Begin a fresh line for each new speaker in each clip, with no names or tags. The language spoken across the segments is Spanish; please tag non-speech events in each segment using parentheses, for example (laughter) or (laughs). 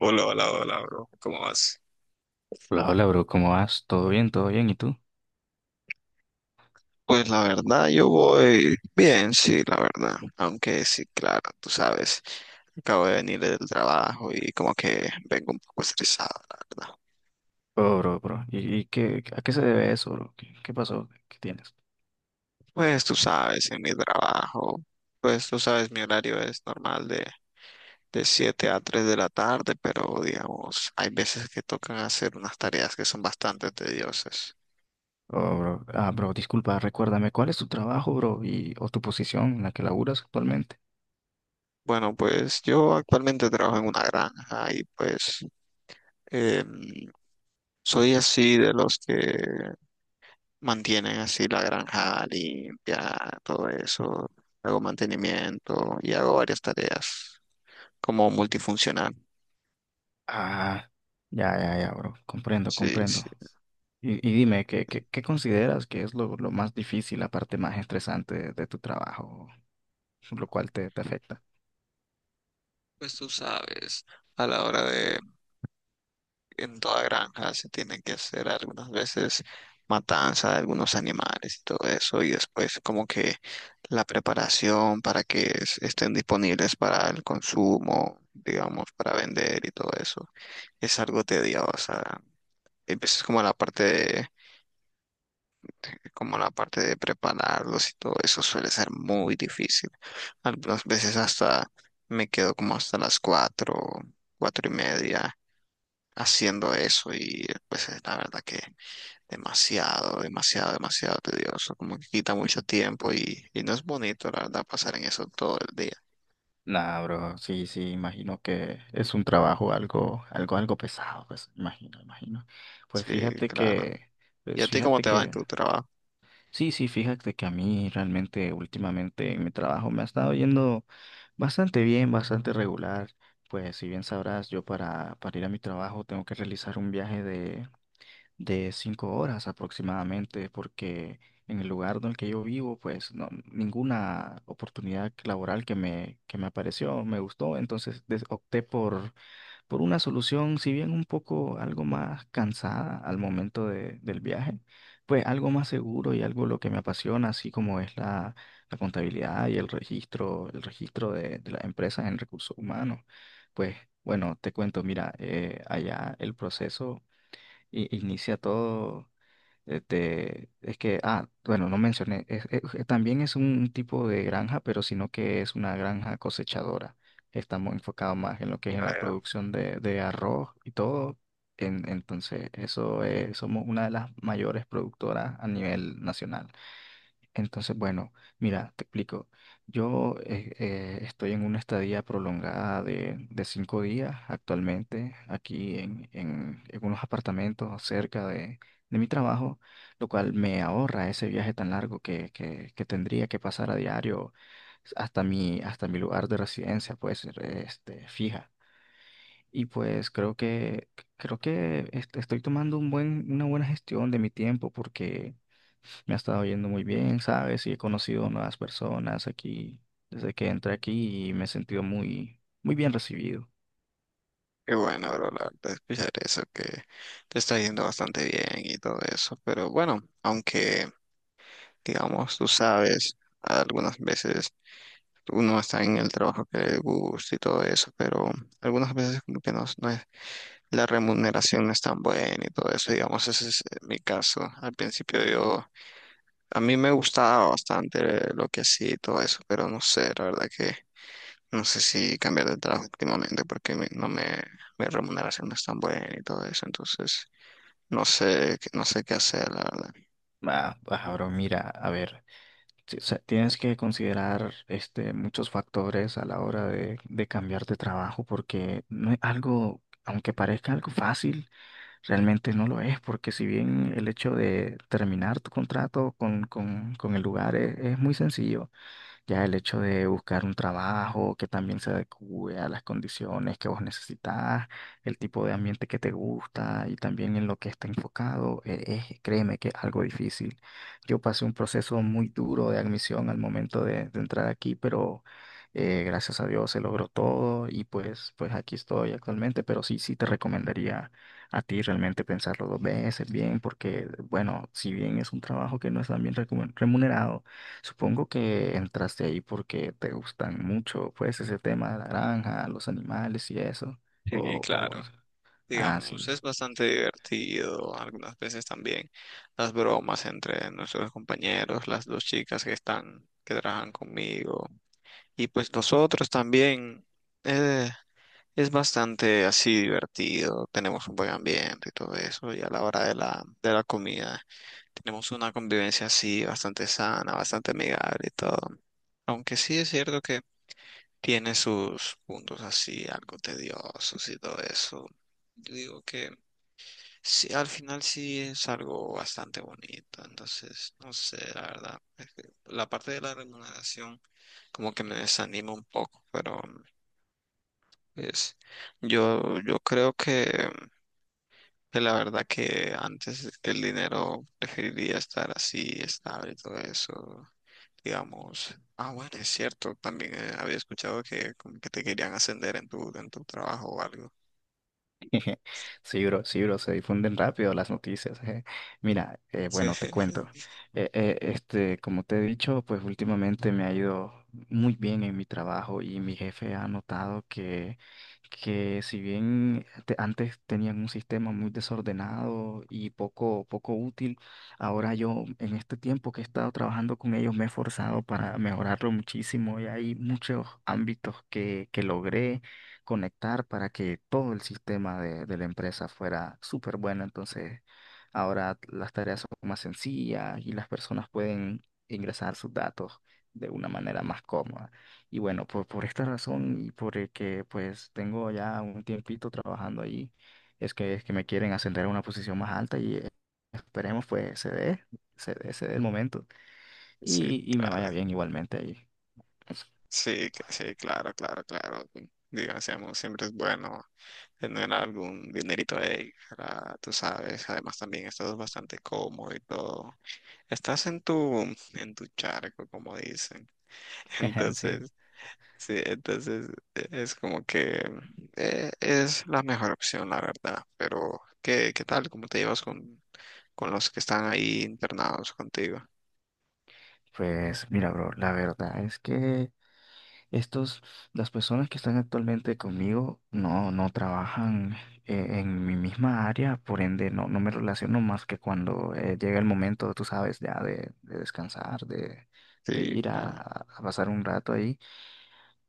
Hola, hola, hola, bro. ¿Cómo vas?
Hola, hola, bro, ¿cómo vas? ¿Todo bien? ¿Todo bien? ¿Y tú?
Pues la verdad, yo voy bien, sí, la verdad. Aunque sí, claro, tú sabes, acabo de venir del trabajo y como que vengo un poco estresado, la verdad.
Oh, bro, bro. ¿Y a qué se debe eso, bro? ¿Qué pasó? ¿Qué tienes?
Pues tú sabes, en mi trabajo, pues tú sabes, mi horario es normal de 7 a 3 de la tarde, pero digamos, hay veces que tocan hacer unas tareas que son bastante tediosas.
Oh, bro. Ah, bro, disculpa, recuérdame, ¿cuál es tu trabajo, bro? Y, o tu posición en la que laburas actualmente.
Bueno, pues yo actualmente trabajo en una granja y pues... em, soy así de los que mantienen así la granja limpia, todo eso. Hago mantenimiento y hago varias tareas como multifuncional.
Ah, ya, ya, ya, bro. Comprendo,
Sí,
comprendo.
sí.
Y dime, ¿qué consideras que es lo más difícil, la parte más estresante de tu trabajo, lo cual te afecta?
Pues tú sabes, a la hora de, en toda granja se tienen que hacer algunas veces matanza de algunos animales y todo eso, y después como que la preparación para que estén disponibles para el consumo, digamos, para vender y todo eso, es algo tedioso. Empiezas como la parte de, como la parte de prepararlos y todo eso suele ser muy difícil. Algunas veces hasta me quedo como hasta las 4, 4 y media haciendo eso y pues es la verdad que demasiado, demasiado, demasiado tedioso, como que quita mucho tiempo y no es bonito la verdad pasar en eso todo el día.
Nah, bro, sí, sí, imagino que es un trabajo algo pesado, pues, imagino, imagino. Pues
Sí,
fíjate
claro.
que,
¿Y a
pues
ti cómo
fíjate
te va en
que,
tu trabajo?
sí, sí, fíjate que a mí realmente últimamente en mi trabajo me ha estado yendo bastante bien, bastante regular. Pues si bien sabrás, yo para ir a mi trabajo tengo que realizar un viaje de 5 horas aproximadamente, porque en el lugar en el que yo vivo, pues no, ninguna oportunidad laboral que me apareció me gustó, entonces opté por una solución, si bien un poco algo más cansada al momento del viaje, pues algo más seguro y algo lo que me apasiona, así como es la contabilidad y el registro de las empresas en recursos humanos. Pues bueno, te cuento, mira, allá el proceso inicia todo. Este, es que, ah, bueno, no mencioné, también es un tipo de granja, pero sino que es una granja cosechadora. Estamos enfocados más en lo que es en la
Ya.
producción de arroz y todo. Entonces, eso es, somos una de las mayores productoras a nivel nacional. Entonces, bueno, mira, te explico. Yo estoy en una estadía prolongada de 5 días actualmente aquí en unos apartamentos cerca de mi trabajo, lo cual me ahorra ese viaje tan largo que tendría que pasar a diario hasta mi lugar de residencia, pues, este, fija. Y pues creo que este, estoy tomando una buena gestión de mi tiempo porque... Me ha estado yendo muy bien, ¿sabes? Y he conocido nuevas personas aquí desde que entré aquí y me he sentido muy, muy bien recibido.
Qué bueno, bro, la verdad, escuchar eso, que te está yendo bastante bien y todo eso. Pero bueno, aunque, digamos, tú sabes, algunas veces uno está en el trabajo que le gusta y todo eso, pero algunas veces como que no, no es, la remuneración no es tan buena y todo eso. Digamos, ese es mi caso. Al principio yo, a mí me gustaba bastante lo que hacía y todo eso, pero no sé, la verdad que no sé si cambiar de trabajo últimamente porque no me, mi remuneración no es tan buena y todo eso, entonces no sé, no sé qué hacer, la verdad.
Ah, ah, bro, mira, a ver, o sea, tienes que considerar este, muchos factores a la hora de cambiar de trabajo porque no es algo, aunque parezca algo fácil, realmente no lo es, porque si bien el hecho de terminar tu contrato con el lugar es muy sencillo. Ya el hecho de buscar un trabajo que también se adecue a las condiciones que vos necesitas, el tipo de ambiente que te gusta y también en lo que está enfocado, es, créeme que es algo difícil. Yo pasé un proceso muy duro de admisión al momento de entrar aquí, pero gracias a Dios se logró todo y pues aquí estoy actualmente, pero sí, sí te recomendaría a ti realmente pensarlo dos veces bien, porque bueno, si bien es un trabajo que no es tan bien remunerado, supongo que entraste ahí porque te gustan mucho, pues, ese tema de la granja, los animales y eso.
Sí,
O, o,
claro.
ah,
Digamos,
sí.
es bastante divertido, algunas veces también las bromas entre nuestros compañeros, las dos chicas que están, que trabajan conmigo, y pues nosotros también, eh, es bastante así divertido, tenemos un buen ambiente y todo eso, y a la hora de la comida. Tenemos una convivencia así bastante sana, bastante amigable y todo. Aunque sí es cierto que tiene sus puntos así, algo tediosos y todo eso. Yo digo que sí, al final sí es algo bastante bonito. Entonces, no sé, la verdad. Es que la parte de la remuneración como que me desanima un poco, pero es, yo creo que la verdad que antes el dinero preferiría estar así, estable y todo eso. Digamos, ah, bueno, es cierto, también había escuchado que como que te querían ascender en tu trabajo o algo.
(laughs) Sí, bro, se difunden rápido las noticias. Mira,
Sí,
bueno, te cuento.
(laughs)
Este, como te he dicho, pues últimamente me ha ido muy bien en mi trabajo y mi jefe ha notado que si bien antes tenían un sistema muy desordenado y poco útil, ahora yo en este tiempo que he estado trabajando con ellos me he esforzado para mejorarlo muchísimo y hay muchos ámbitos que logré conectar para que todo el sistema de la empresa fuera súper bueno. Entonces, ahora las tareas son más sencillas y las personas pueden ingresar sus datos de una manera más cómoda. Y bueno, por esta razón y por el que pues tengo ya un tiempito trabajando ahí, es que me quieren ascender a una posición más alta y esperemos pues se dé el momento
sí,
y me vaya
claro,
bien igualmente ahí.
sí, sí, claro, claro, claro. Digamos, siempre es bueno tener algún dinerito ahí, para, tú sabes, además también estás bastante cómodo y todo. Estás en tu charco, como dicen. (laughs)
(laughs) Sí,
Entonces, sí, entonces es como que es la mejor opción, la verdad. Pero, ¿qué, qué tal? ¿Cómo te llevas con los que están ahí internados contigo?
pues mira, bro, la verdad es que... Estos, las personas que están actualmente conmigo no, no trabajan en mi misma área, por ende no, no me relaciono más que cuando llega el momento, tú sabes, ya de descansar, de
Sí,
ir a,
claro.
a pasar un rato ahí.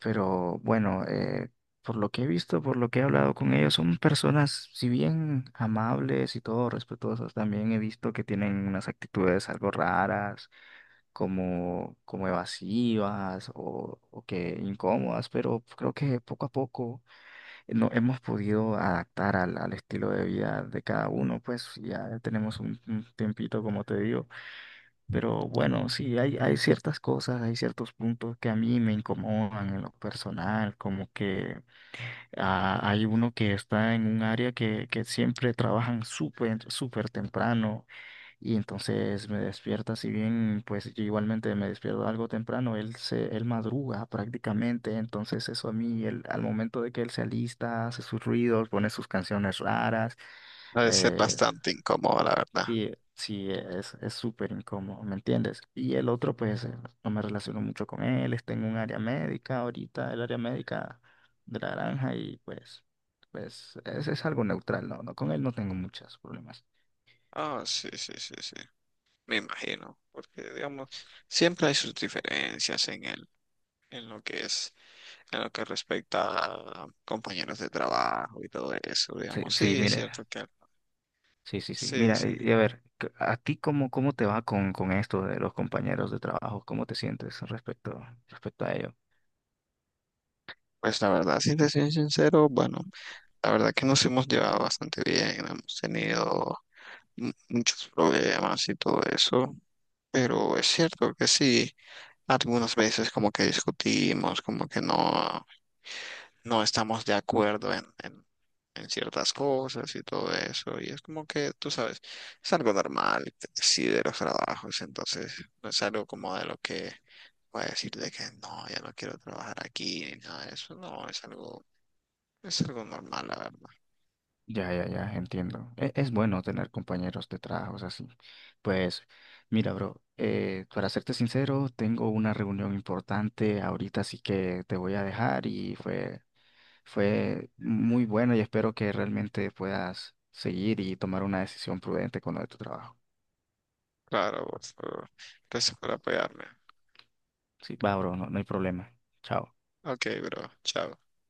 Pero bueno, por lo que he visto, por lo que he hablado con ellos, son personas, si bien amables y todo, respetuosas, también he visto que tienen unas actitudes algo raras como evasivas o que incómodas, pero creo que poco a poco no hemos podido adaptar al estilo de vida de cada uno, pues ya tenemos un tiempito, como te digo, pero bueno, sí, hay ciertas cosas, hay ciertos puntos que a mí me incomodan en lo personal, como que ah, hay uno que está en un área que siempre trabajan súper, súper temprano y entonces me despierta, si bien pues yo igualmente me despierto algo temprano, él madruga prácticamente, entonces eso a mí, al momento de que él se alista, hace sus ruidos, pone sus canciones raras,
Ha de ser
eh,
bastante incómodo, la verdad.
sí, sí, es súper incómodo, ¿me entiendes? Y el otro pues no me relaciono mucho con él, está en un área médica ahorita, el área médica de la granja y pues es algo neutral, no, no, con él no tengo muchos problemas.
Ah, sí, sí, sí, sí. Me imagino, porque digamos, siempre hay sus diferencias en el, en lo que es, en lo que respecta a compañeros de trabajo y todo eso,
Sí,
digamos,
sí,
sí, es
mire.
cierto que
Sí, sí, sí.
sí,
Mira,
sí.
y a ver, ¿a ti cómo te va con esto de los compañeros de trabajo? ¿Cómo te sientes respecto, respecto a ello?
Pues la verdad, si te soy sincero, bueno, la verdad que nos hemos llevado bastante bien, no hemos tenido muchos problemas y todo eso, pero es cierto que sí, algunas veces como que discutimos, como que no. No estamos de acuerdo en ciertas cosas y todo eso. Y es como que, tú sabes, es algo normal, sí, de los trabajos. Entonces, no es algo como de lo que voy a decir de que no, ya no quiero trabajar aquí ni nada de eso. No, es algo normal, la verdad.
Ya, ya, ya, entiendo. Es, bueno tener compañeros de trabajo así. Pues, mira, bro, para serte sincero, tengo una reunión importante ahorita, así que te voy a dejar y fue muy bueno y espero que realmente puedas seguir y tomar una decisión prudente con lo de tu trabajo.
Claro, por favor. Gracias por apoyarme.
Sí, va, bro, no, no hay problema. Chao.
Ok, bro, chao.